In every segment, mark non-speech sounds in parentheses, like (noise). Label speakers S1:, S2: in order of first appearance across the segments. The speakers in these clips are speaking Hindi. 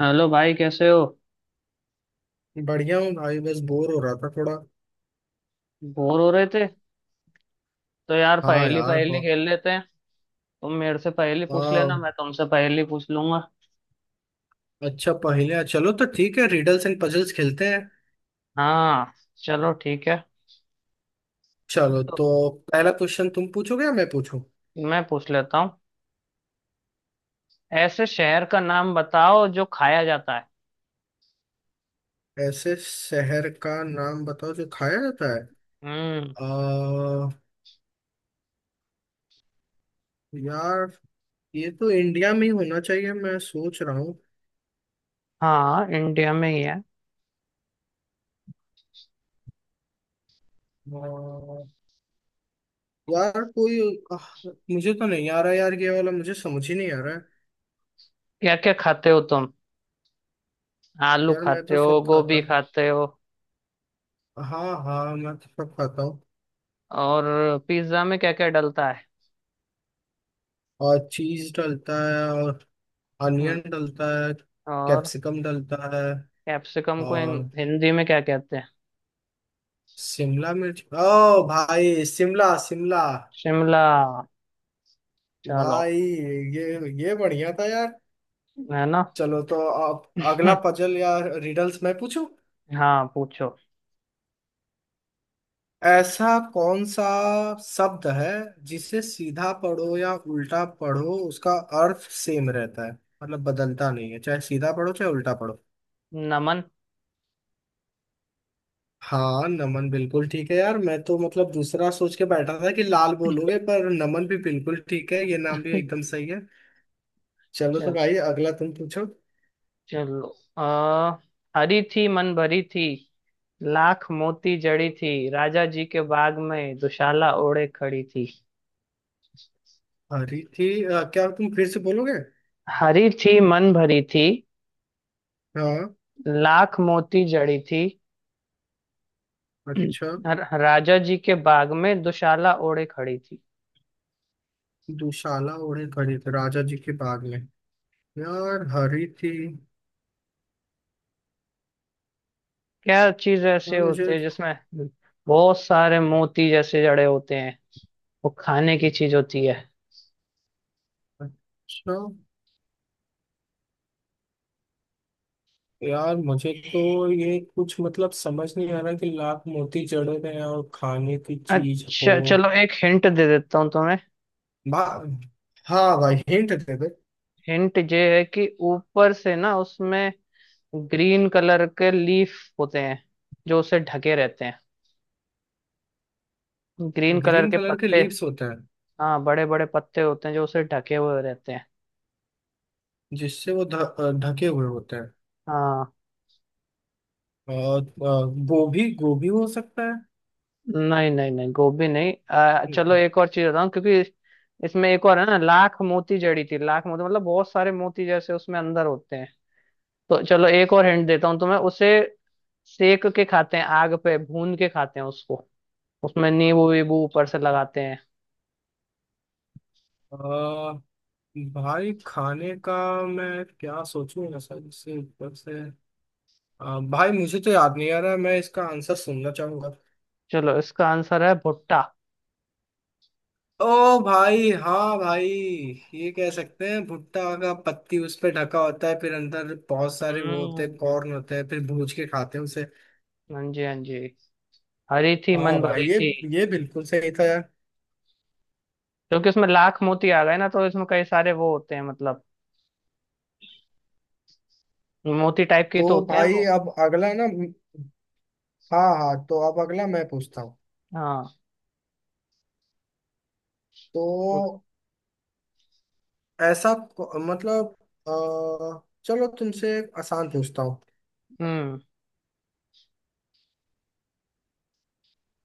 S1: हेलो भाई, कैसे हो।
S2: बढ़िया हूँ भाई। बस बोर हो रहा था थोड़ा।
S1: बोर हो रहे थे। तो यार
S2: हाँ
S1: पहेली
S2: यार
S1: पहेली खेल लेते हैं। तुम मेरे से पहेली पूछ लेना,
S2: वाह।
S1: मैं तुमसे पहेली पूछ लूंगा।
S2: अच्छा, पहेलियाँ, चलो तो ठीक है, रिडल्स एंड पजल्स खेलते हैं।
S1: हाँ, चलो ठीक है।
S2: चलो
S1: तो
S2: तो। पहला क्वेश्चन तुम पूछोगे या मैं पूछूं?
S1: मैं पूछ लेता हूँ। ऐसे शहर का नाम बताओ जो खाया जाता है।
S2: ऐसे शहर का नाम बताओ जो खाया जाता है?
S1: हम्म।
S2: आ, यार। ये तो इंडिया में ही होना चाहिए, मैं सोच रहा हूँ।
S1: हाँ, इंडिया में ही है।
S2: अ, यार कोई। आह, मुझे तो नहीं आ रहा यार, ये वाला मुझे समझ ही नहीं आ रहा है।
S1: क्या क्या खाते हो तुम। आलू
S2: यार मैं
S1: खाते
S2: तो
S1: हो,
S2: सब खाता
S1: गोभी
S2: हूँ।
S1: खाते हो,
S2: हाँ हाँ, मैं तो सब खाता हूँ।
S1: और पिज्जा में क्या क्या डलता है।
S2: और चीज डलता है, और
S1: हम्म।
S2: अनियन डलता है।
S1: और
S2: कैप्सिकम डलता है।
S1: कैप्सिकम को
S2: और
S1: हिंदी में क्या कहते हैं।
S2: शिमला मिर्च, ओ भाई शिमला शिमला।
S1: शिमला। चलो,
S2: भाई, ये बढ़िया था यार।
S1: है ना।
S2: चलो तो। अब अगला
S1: (laughs)
S2: पजल या रिडल्स मैं पूछूं?
S1: हाँ, पूछो।
S2: ऐसा कौन सा शब्द है जिसे सीधा पढ़ो या उल्टा पढ़ो उसका अर्थ सेम रहता है, मतलब बदलता नहीं है, चाहे सीधा पढ़ो चाहे उल्टा पढ़ो?
S1: नमन।
S2: हाँ, नमन बिल्कुल ठीक है यार, मैं तो मतलब दूसरा सोच के बैठा था कि लाल बोलोगे, पर नमन भी बिल्कुल ठीक है, ये नाम भी एकदम सही है। चलो तो
S1: चल,
S2: भाई, अगला तुम पूछो।
S1: चलो हरी थी मन भरी थी, लाख मोती जड़ी थी, राजा जी के बाग में दुशाला ओढ़े खड़ी थी।
S2: हरी थी, क्या तुम फिर से बोलोगे?
S1: हरी थी मन भरी थी,
S2: हाँ।
S1: लाख मोती जड़ी थी,
S2: अच्छा।
S1: राजा जी के बाग में दुशाला ओढ़े खड़ी थी।
S2: दुशाला ओढ़े खड़ी थी राजा जी के बाग में। यार हरी थी।
S1: क्या चीज
S2: यार
S1: ऐसे होते
S2: मुझे।
S1: हैं जिसमें बहुत सारे मोती जैसे जड़े होते हैं। वो खाने की चीज होती है।
S2: अच्छा। यार मुझे तो ये कुछ मतलब समझ नहीं आ रहा कि लाख मोती जड़े में और खाने की चीज हो।
S1: अच्छा, चलो एक हिंट दे देता हूँ तुम्हें।
S2: बा हाँ भाई, हिंट दे दो।
S1: हिंट ये है कि ऊपर से ना उसमें ग्रीन कलर के लीफ होते हैं जो उसे ढके रहते हैं। ग्रीन कलर
S2: ग्रीन
S1: के
S2: कलर के
S1: पत्ते।
S2: लीव्स होते हैं
S1: हाँ, बड़े बड़े पत्ते होते हैं जो उसे ढके हुए रहते हैं।
S2: जिससे वो ढके हुए होते हैं।
S1: हाँ।
S2: और गोभी गोभी हो सकता है।
S1: नहीं नहीं नहीं, गोभी नहीं। चलो एक और चीज बताऊँ क्योंकि इसमें एक और है ना, लाख मोती जड़ी थी, लाख मोती मतलब बहुत सारे मोती जैसे उसमें अंदर होते हैं। तो चलो एक और हिंट देता हूँ तुम्हें। उसे सेक के खाते हैं, आग पे भून के खाते हैं उसको। उसमें नींबू वीबू ऊपर से लगाते हैं।
S2: अ, भाई खाने का, मैं क्या सोचूंगा सर इससे ऊपर से। भाई मुझे तो याद नहीं आ रहा है, मैं इसका आंसर सुनना चाहूंगा।
S1: चलो, इसका आंसर है भुट्टा।
S2: ओ भाई हाँ भाई। ये कह सकते हैं भुट्टा का पत्ती उस पे ढका होता है, फिर अंदर बहुत सारे वो होते हैं,
S1: हम्म।
S2: कॉर्न होते हैं, फिर भूज के खाते हैं उसे।
S1: हाँ जी हाँ जी। हरी थी
S2: हाँ
S1: मन
S2: भाई,
S1: भरी
S2: ये
S1: थी,
S2: ये बिल्कुल सही था यार।
S1: क्योंकि उसमें लाख मोती आ गए ना, तो इसमें कई सारे वो होते हैं मतलब। मोती टाइप के
S2: तो
S1: तो होते हैं
S2: भाई
S1: वो।
S2: अब अगला ना। हाँ हाँ, तो अब अगला मैं पूछता हूँ।
S1: हाँ। तो-
S2: तो मतलब, अ, चलो तुमसे एक आसान पूछता हूँ।
S1: हम्म,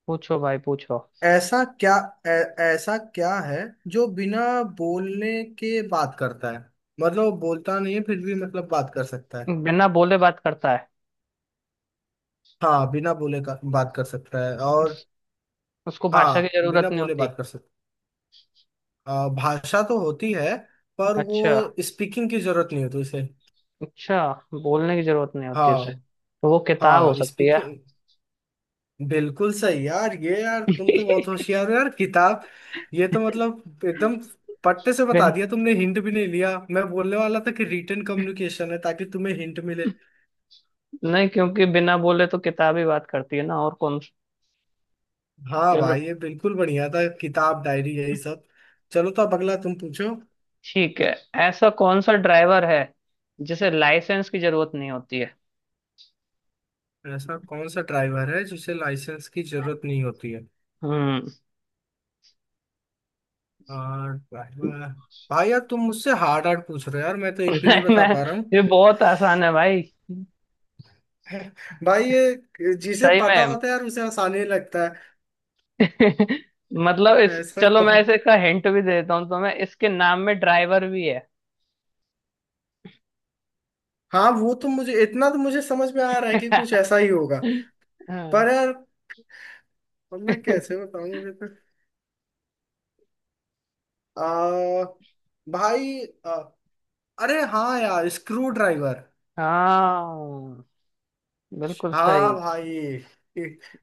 S1: पूछो भाई पूछो।
S2: ऐसा क्या ऐ, ऐसा क्या है जो बिना बोलने के बात करता है, मतलब वो बोलता नहीं है फिर भी मतलब बात कर सकता है?
S1: बिना बोले बात करता है।
S2: हाँ बिना बोले का बात कर सकता है, और
S1: उसको भाषा की
S2: हाँ
S1: जरूरत
S2: बिना
S1: नहीं
S2: बोले
S1: होती।
S2: बात कर सकता। भाषा तो होती है, पर वो
S1: अच्छा,
S2: स्पीकिंग की जरूरत नहीं होती उसे।
S1: अच्छा। बोलने की जरूरत नहीं होती उसे,
S2: हाँ
S1: तो वो किताब हो
S2: हाँ,
S1: सकती है।
S2: स्पीकिंग। बिल्कुल सही यार, ये यार तुम तो बहुत
S1: (laughs)
S2: होशियार हो यार, किताब। ये तो मतलब एकदम पट्टे से बता
S1: बिन,
S2: दिया तुमने, हिंट भी नहीं लिया, मैं बोलने वाला था कि रिटन कम्युनिकेशन है ताकि तुम्हें हिंट मिले।
S1: नहीं, क्योंकि बिना बोले तो किताब ही बात करती है ना, और कौन।
S2: हाँ भाई, ये बिल्कुल बढ़िया था, किताब डायरी यही सब। चलो तो अब अगला तुम पूछो।
S1: ठीक है। ऐसा कौन सा ड्राइवर है जिसे लाइसेंस की जरूरत नहीं होती है।
S2: ऐसा कौन सा ड्राइवर है जिसे लाइसेंस की जरूरत नहीं होती है?
S1: हम्म।
S2: हाँ, ड्राइवर। भाई यार तुम मुझसे हार्ड हार्ड पूछ रहे हो यार, मैं तो
S1: (laughs)
S2: एक भी नहीं
S1: नहीं,
S2: बता
S1: मैं,
S2: पा रहा हूँ।
S1: ये बहुत आसान है भाई।
S2: (laughs) भाई ये जिसे
S1: सही
S2: पता
S1: में।
S2: होता है यार उसे आसानी लगता
S1: (laughs) मतलब इस,
S2: है। ऐसा
S1: चलो मैं
S2: कौन?
S1: इसे का हिंट भी दे देता हूँ तो, मैं इसके नाम में ड्राइवर भी है।
S2: हाँ वो तो मुझे इतना तो मुझे समझ में आ रहा है कि कुछ
S1: (laughs)
S2: ऐसा ही होगा।
S1: हाँ।
S2: पर यार अब मैं कैसे
S1: (laughs)
S2: बताऊं, मुझे तो। आ, भाई आ, अरे हाँ यार, स्क्रू ड्राइवर।
S1: हाँ, बिल्कुल
S2: हाँ
S1: सही।
S2: भाई।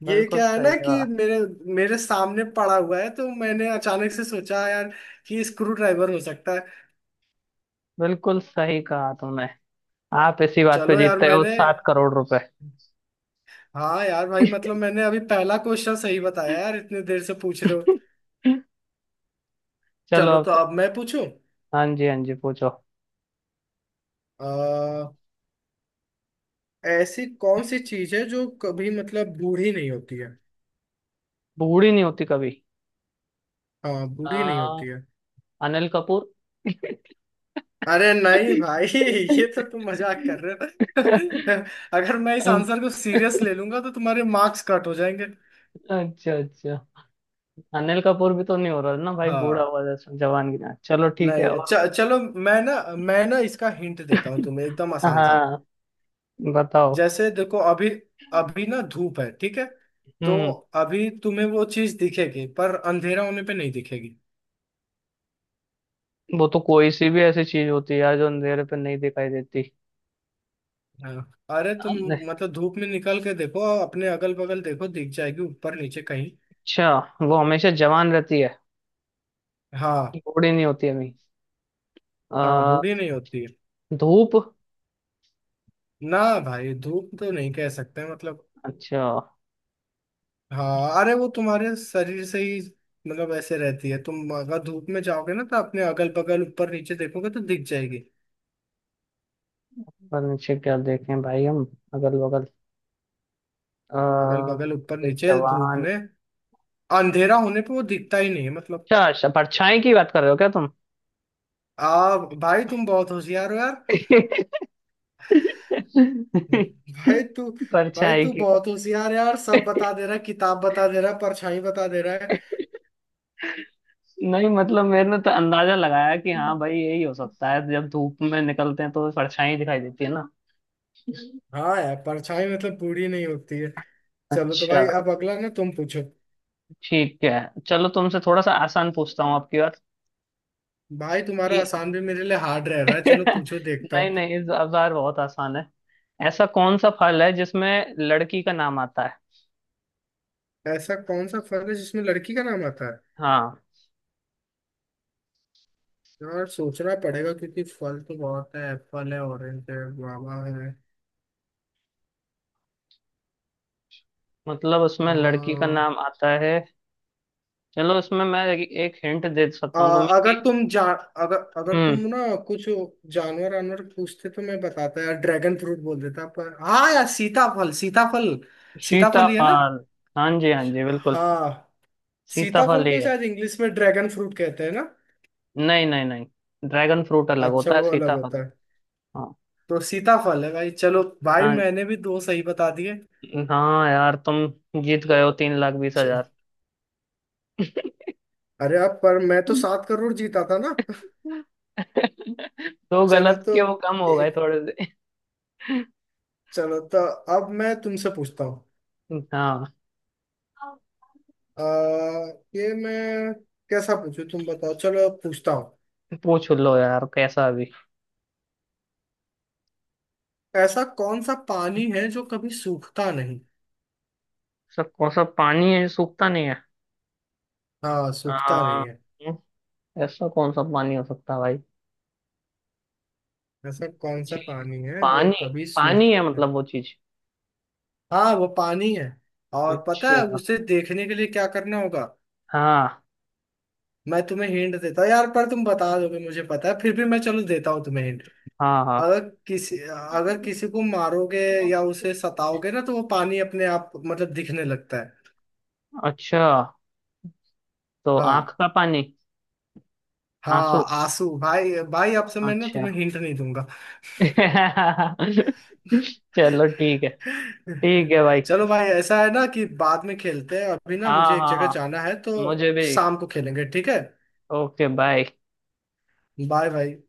S2: ये
S1: बिल्कुल
S2: क्या है
S1: सही
S2: ना कि
S1: जवाब।
S2: मेरे मेरे सामने पड़ा हुआ है, तो मैंने अचानक से सोचा यार, कि स्क्रू ड्राइवर हो सकता है।
S1: बिल्कुल सही कहा तुमने। आप इसी बात पे
S2: चलो यार
S1: जीतते हो
S2: मैंने।
S1: 7 करोड़ रुपए।
S2: हाँ यार भाई,
S1: (laughs)
S2: मतलब मैंने अभी पहला क्वेश्चन सही बताया यार, इतने देर से पूछ रहे हो।
S1: चलो
S2: चलो
S1: अब
S2: तो
S1: तो।
S2: अब मैं पूछूं।
S1: हाँ जी हाँ जी, पूछो।
S2: आ, ऐसी कौन सी चीज है जो कभी मतलब बूढ़ी नहीं होती है?
S1: बूढ़ी नहीं होती कभी।
S2: हाँ, बूढ़ी नहीं
S1: हाँ।
S2: होती है।
S1: अनिल कपूर।
S2: अरे नहीं भाई। (laughs) ये तो तुम मजाक कर रहे
S1: अच्छा,
S2: हो। (laughs) अगर मैं इस आंसर को सीरियस ले लूंगा तो तुम्हारे मार्क्स कट हो जाएंगे।
S1: अच्छा। अनिल कपूर भी तो नहीं हो रहा ना भाई, बूढ़ा
S2: हाँ।
S1: हुआ जैसा, जवान की ना। चलो ठीक है,
S2: नहीं,
S1: और।
S2: चलो। मैं ना इसका हिंट देता हूँ तुम्हें, एकदम आसान सा।
S1: हाँ, बताओ।
S2: जैसे देखो, अभी अभी ना धूप है ठीक है। तो
S1: हम्म।
S2: अभी तुम्हें वो चीज दिखेगी, पर अंधेरा होने पे नहीं दिखेगी।
S1: वो तो कोई सी भी ऐसी चीज होती है यार जो अंधेरे पे नहीं दिखाई देती।
S2: हाँ, अरे तुम,
S1: अच्छा।
S2: मतलब धूप में निकल के देखो। अपने अगल बगल देखो दिख जाएगी, ऊपर नीचे कहीं।
S1: वो हमेशा जवान रहती है।
S2: हाँ।
S1: बूढ़ी नहीं होती अभी।
S2: हाँ,
S1: आ,
S2: बूढ़ी नहीं होती है।
S1: धूप।
S2: ना। भाई धूप तो नहीं कह सकते मतलब।
S1: अच्छा।
S2: हाँ, अरे वो तुम्हारे शरीर से ही, मतलब ऐसे रहती है, तुम अगर धूप में जाओगे ना तो अपने अगल बगल ऊपर नीचे देखोगे तो दिख जाएगी।
S1: पर नीचे क्या देखें भाई हम, अगल बगल। आ,
S2: अगल बगल ऊपर नीचे धूप
S1: जवान।
S2: में। अंधेरा होने पे वो दिखता ही नहीं है मतलब।
S1: अच्छा अच्छा, परछाई की बात कर रहे हो क्या तुम।
S2: आ भाई तुम बहुत होशियार हो यार।
S1: (laughs)
S2: भाई तू भाई
S1: परछाई
S2: तू
S1: की।
S2: बहुत होशियार है यार, सब बता दे रहा है, किताब बता दे रहा है, परछाई बता दे रहा है।
S1: नहीं, मतलब मैंने तो अंदाजा लगाया कि हाँ भाई यही हो सकता है, जब धूप में निकलते हैं तो परछाई दिखाई देती है ना।
S2: हाँ यार, परछाई मतलब पूरी नहीं होती है। चलो तो
S1: अच्छा।
S2: भाई, अब अगला ना तुम पूछो।
S1: ठीक है। चलो तुमसे थोड़ा सा आसान पूछता हूँ, आपकी बात।
S2: भाई तुम्हारा
S1: कि
S2: आसान भी मेरे लिए हार्ड रह
S1: (laughs)
S2: रहा है, चलो पूछो देखता
S1: नहीं
S2: हूँ।
S1: नहीं, इस बार बहुत आसान है। ऐसा कौन सा फल है जिसमें लड़की का नाम आता है।
S2: ऐसा कौन सा फल है जिसमें लड़की का नाम आता है?
S1: हाँ,
S2: यार सोचना पड़ेगा, क्योंकि फल तो बहुत है, एप्पल है, ऑरेंज है, गुआवा है।
S1: मतलब उसमें लड़की का
S2: हाँ।
S1: नाम आता है। चलो इसमें मैं एक हिंट दे
S2: आ,
S1: सकता हूँ तुम्हें कि,
S2: अगर तुम जा अगर तुम
S1: हम्म,
S2: ना कुछ जानवर वानवर पूछते तो मैं बताता यार ड्रैगन फ्रूट बोल देता, पर हाँ यार सीताफल सीताफल। सीताफल ही है ना?
S1: सीताफल। हाँ जी हाँ जी, बिल्कुल।
S2: हाँ।
S1: सीताफल
S2: सीताफल
S1: ही
S2: को
S1: है।
S2: शायद इंग्लिश में ड्रैगन फ्रूट कहते हैं ना?
S1: नहीं नहीं नहीं, ड्रैगन फ्रूट अलग
S2: अच्छा,
S1: होता है।
S2: वो अलग
S1: सीताफल।
S2: होता है।
S1: हाँ।
S2: तो सीताफल है भाई, चलो भाई
S1: हाँ जी।
S2: मैंने भी दो सही बता दिए।
S1: हाँ यार, तुम जीत गए हो 3 लाख 20 हजार।
S2: च- अरे, अब पर मैं तो 7 करोड़ जीता था ना। (laughs)
S1: (laughs) तो
S2: चलो
S1: गलत
S2: तो
S1: के वो कम हो
S2: ए-
S1: गए थोड़े से।
S2: चलो तो अब मैं तुमसे पूछता हूँ।
S1: हाँ,
S2: आ, ये मैं कैसा पूछूं तुम बताओ, चलो अब पूछता हूँ।
S1: पूछ लो यार कैसा अभी।
S2: ऐसा कौन सा पानी है जो कभी सूखता नहीं?
S1: सब, कौन सा पानी है जो सूखता नहीं है।
S2: हाँ, सूखता
S1: हाँ।
S2: नहीं है।
S1: ऐसा कौन सा पानी हो सकता है भाई।
S2: ऐसा कौन सा
S1: जी।
S2: पानी है जो
S1: पानी,
S2: कभी
S1: पानी है
S2: सूखता है?
S1: मतलब वो चीज।
S2: हाँ वो पानी है। और पता है
S1: अच्छा।
S2: उसे देखने के लिए क्या करना होगा?
S1: हाँ
S2: मैं तुम्हें हिंट देता हूँ यार, पर तुम बता दोगे मुझे पता है, फिर भी मैं चलो देता हूँ तुम्हें हिंट।
S1: हाँ हाँ।
S2: अगर किसी अगर किसी को मारोगे, या उसे सताओगे ना तो वो पानी अपने आप मतलब दिखने लगता है।
S1: अच्छा, तो आंख
S2: हाँ।
S1: का पानी।
S2: हाँ
S1: आंसू।
S2: आंसू भाई, भाई अब से मैं ना
S1: अच्छा।
S2: तुम्हें हिंट नहीं दूंगा।
S1: (laughs) चलो ठीक है। ठीक है भाई।
S2: चलो भाई ऐसा है ना कि बाद में खेलते हैं, अभी ना
S1: हाँ
S2: मुझे एक
S1: हाँ
S2: जगह
S1: हाँ,
S2: जाना है तो
S1: मुझे भी।
S2: शाम को खेलेंगे ठीक है?
S1: Okay, bye.
S2: बाय भाई।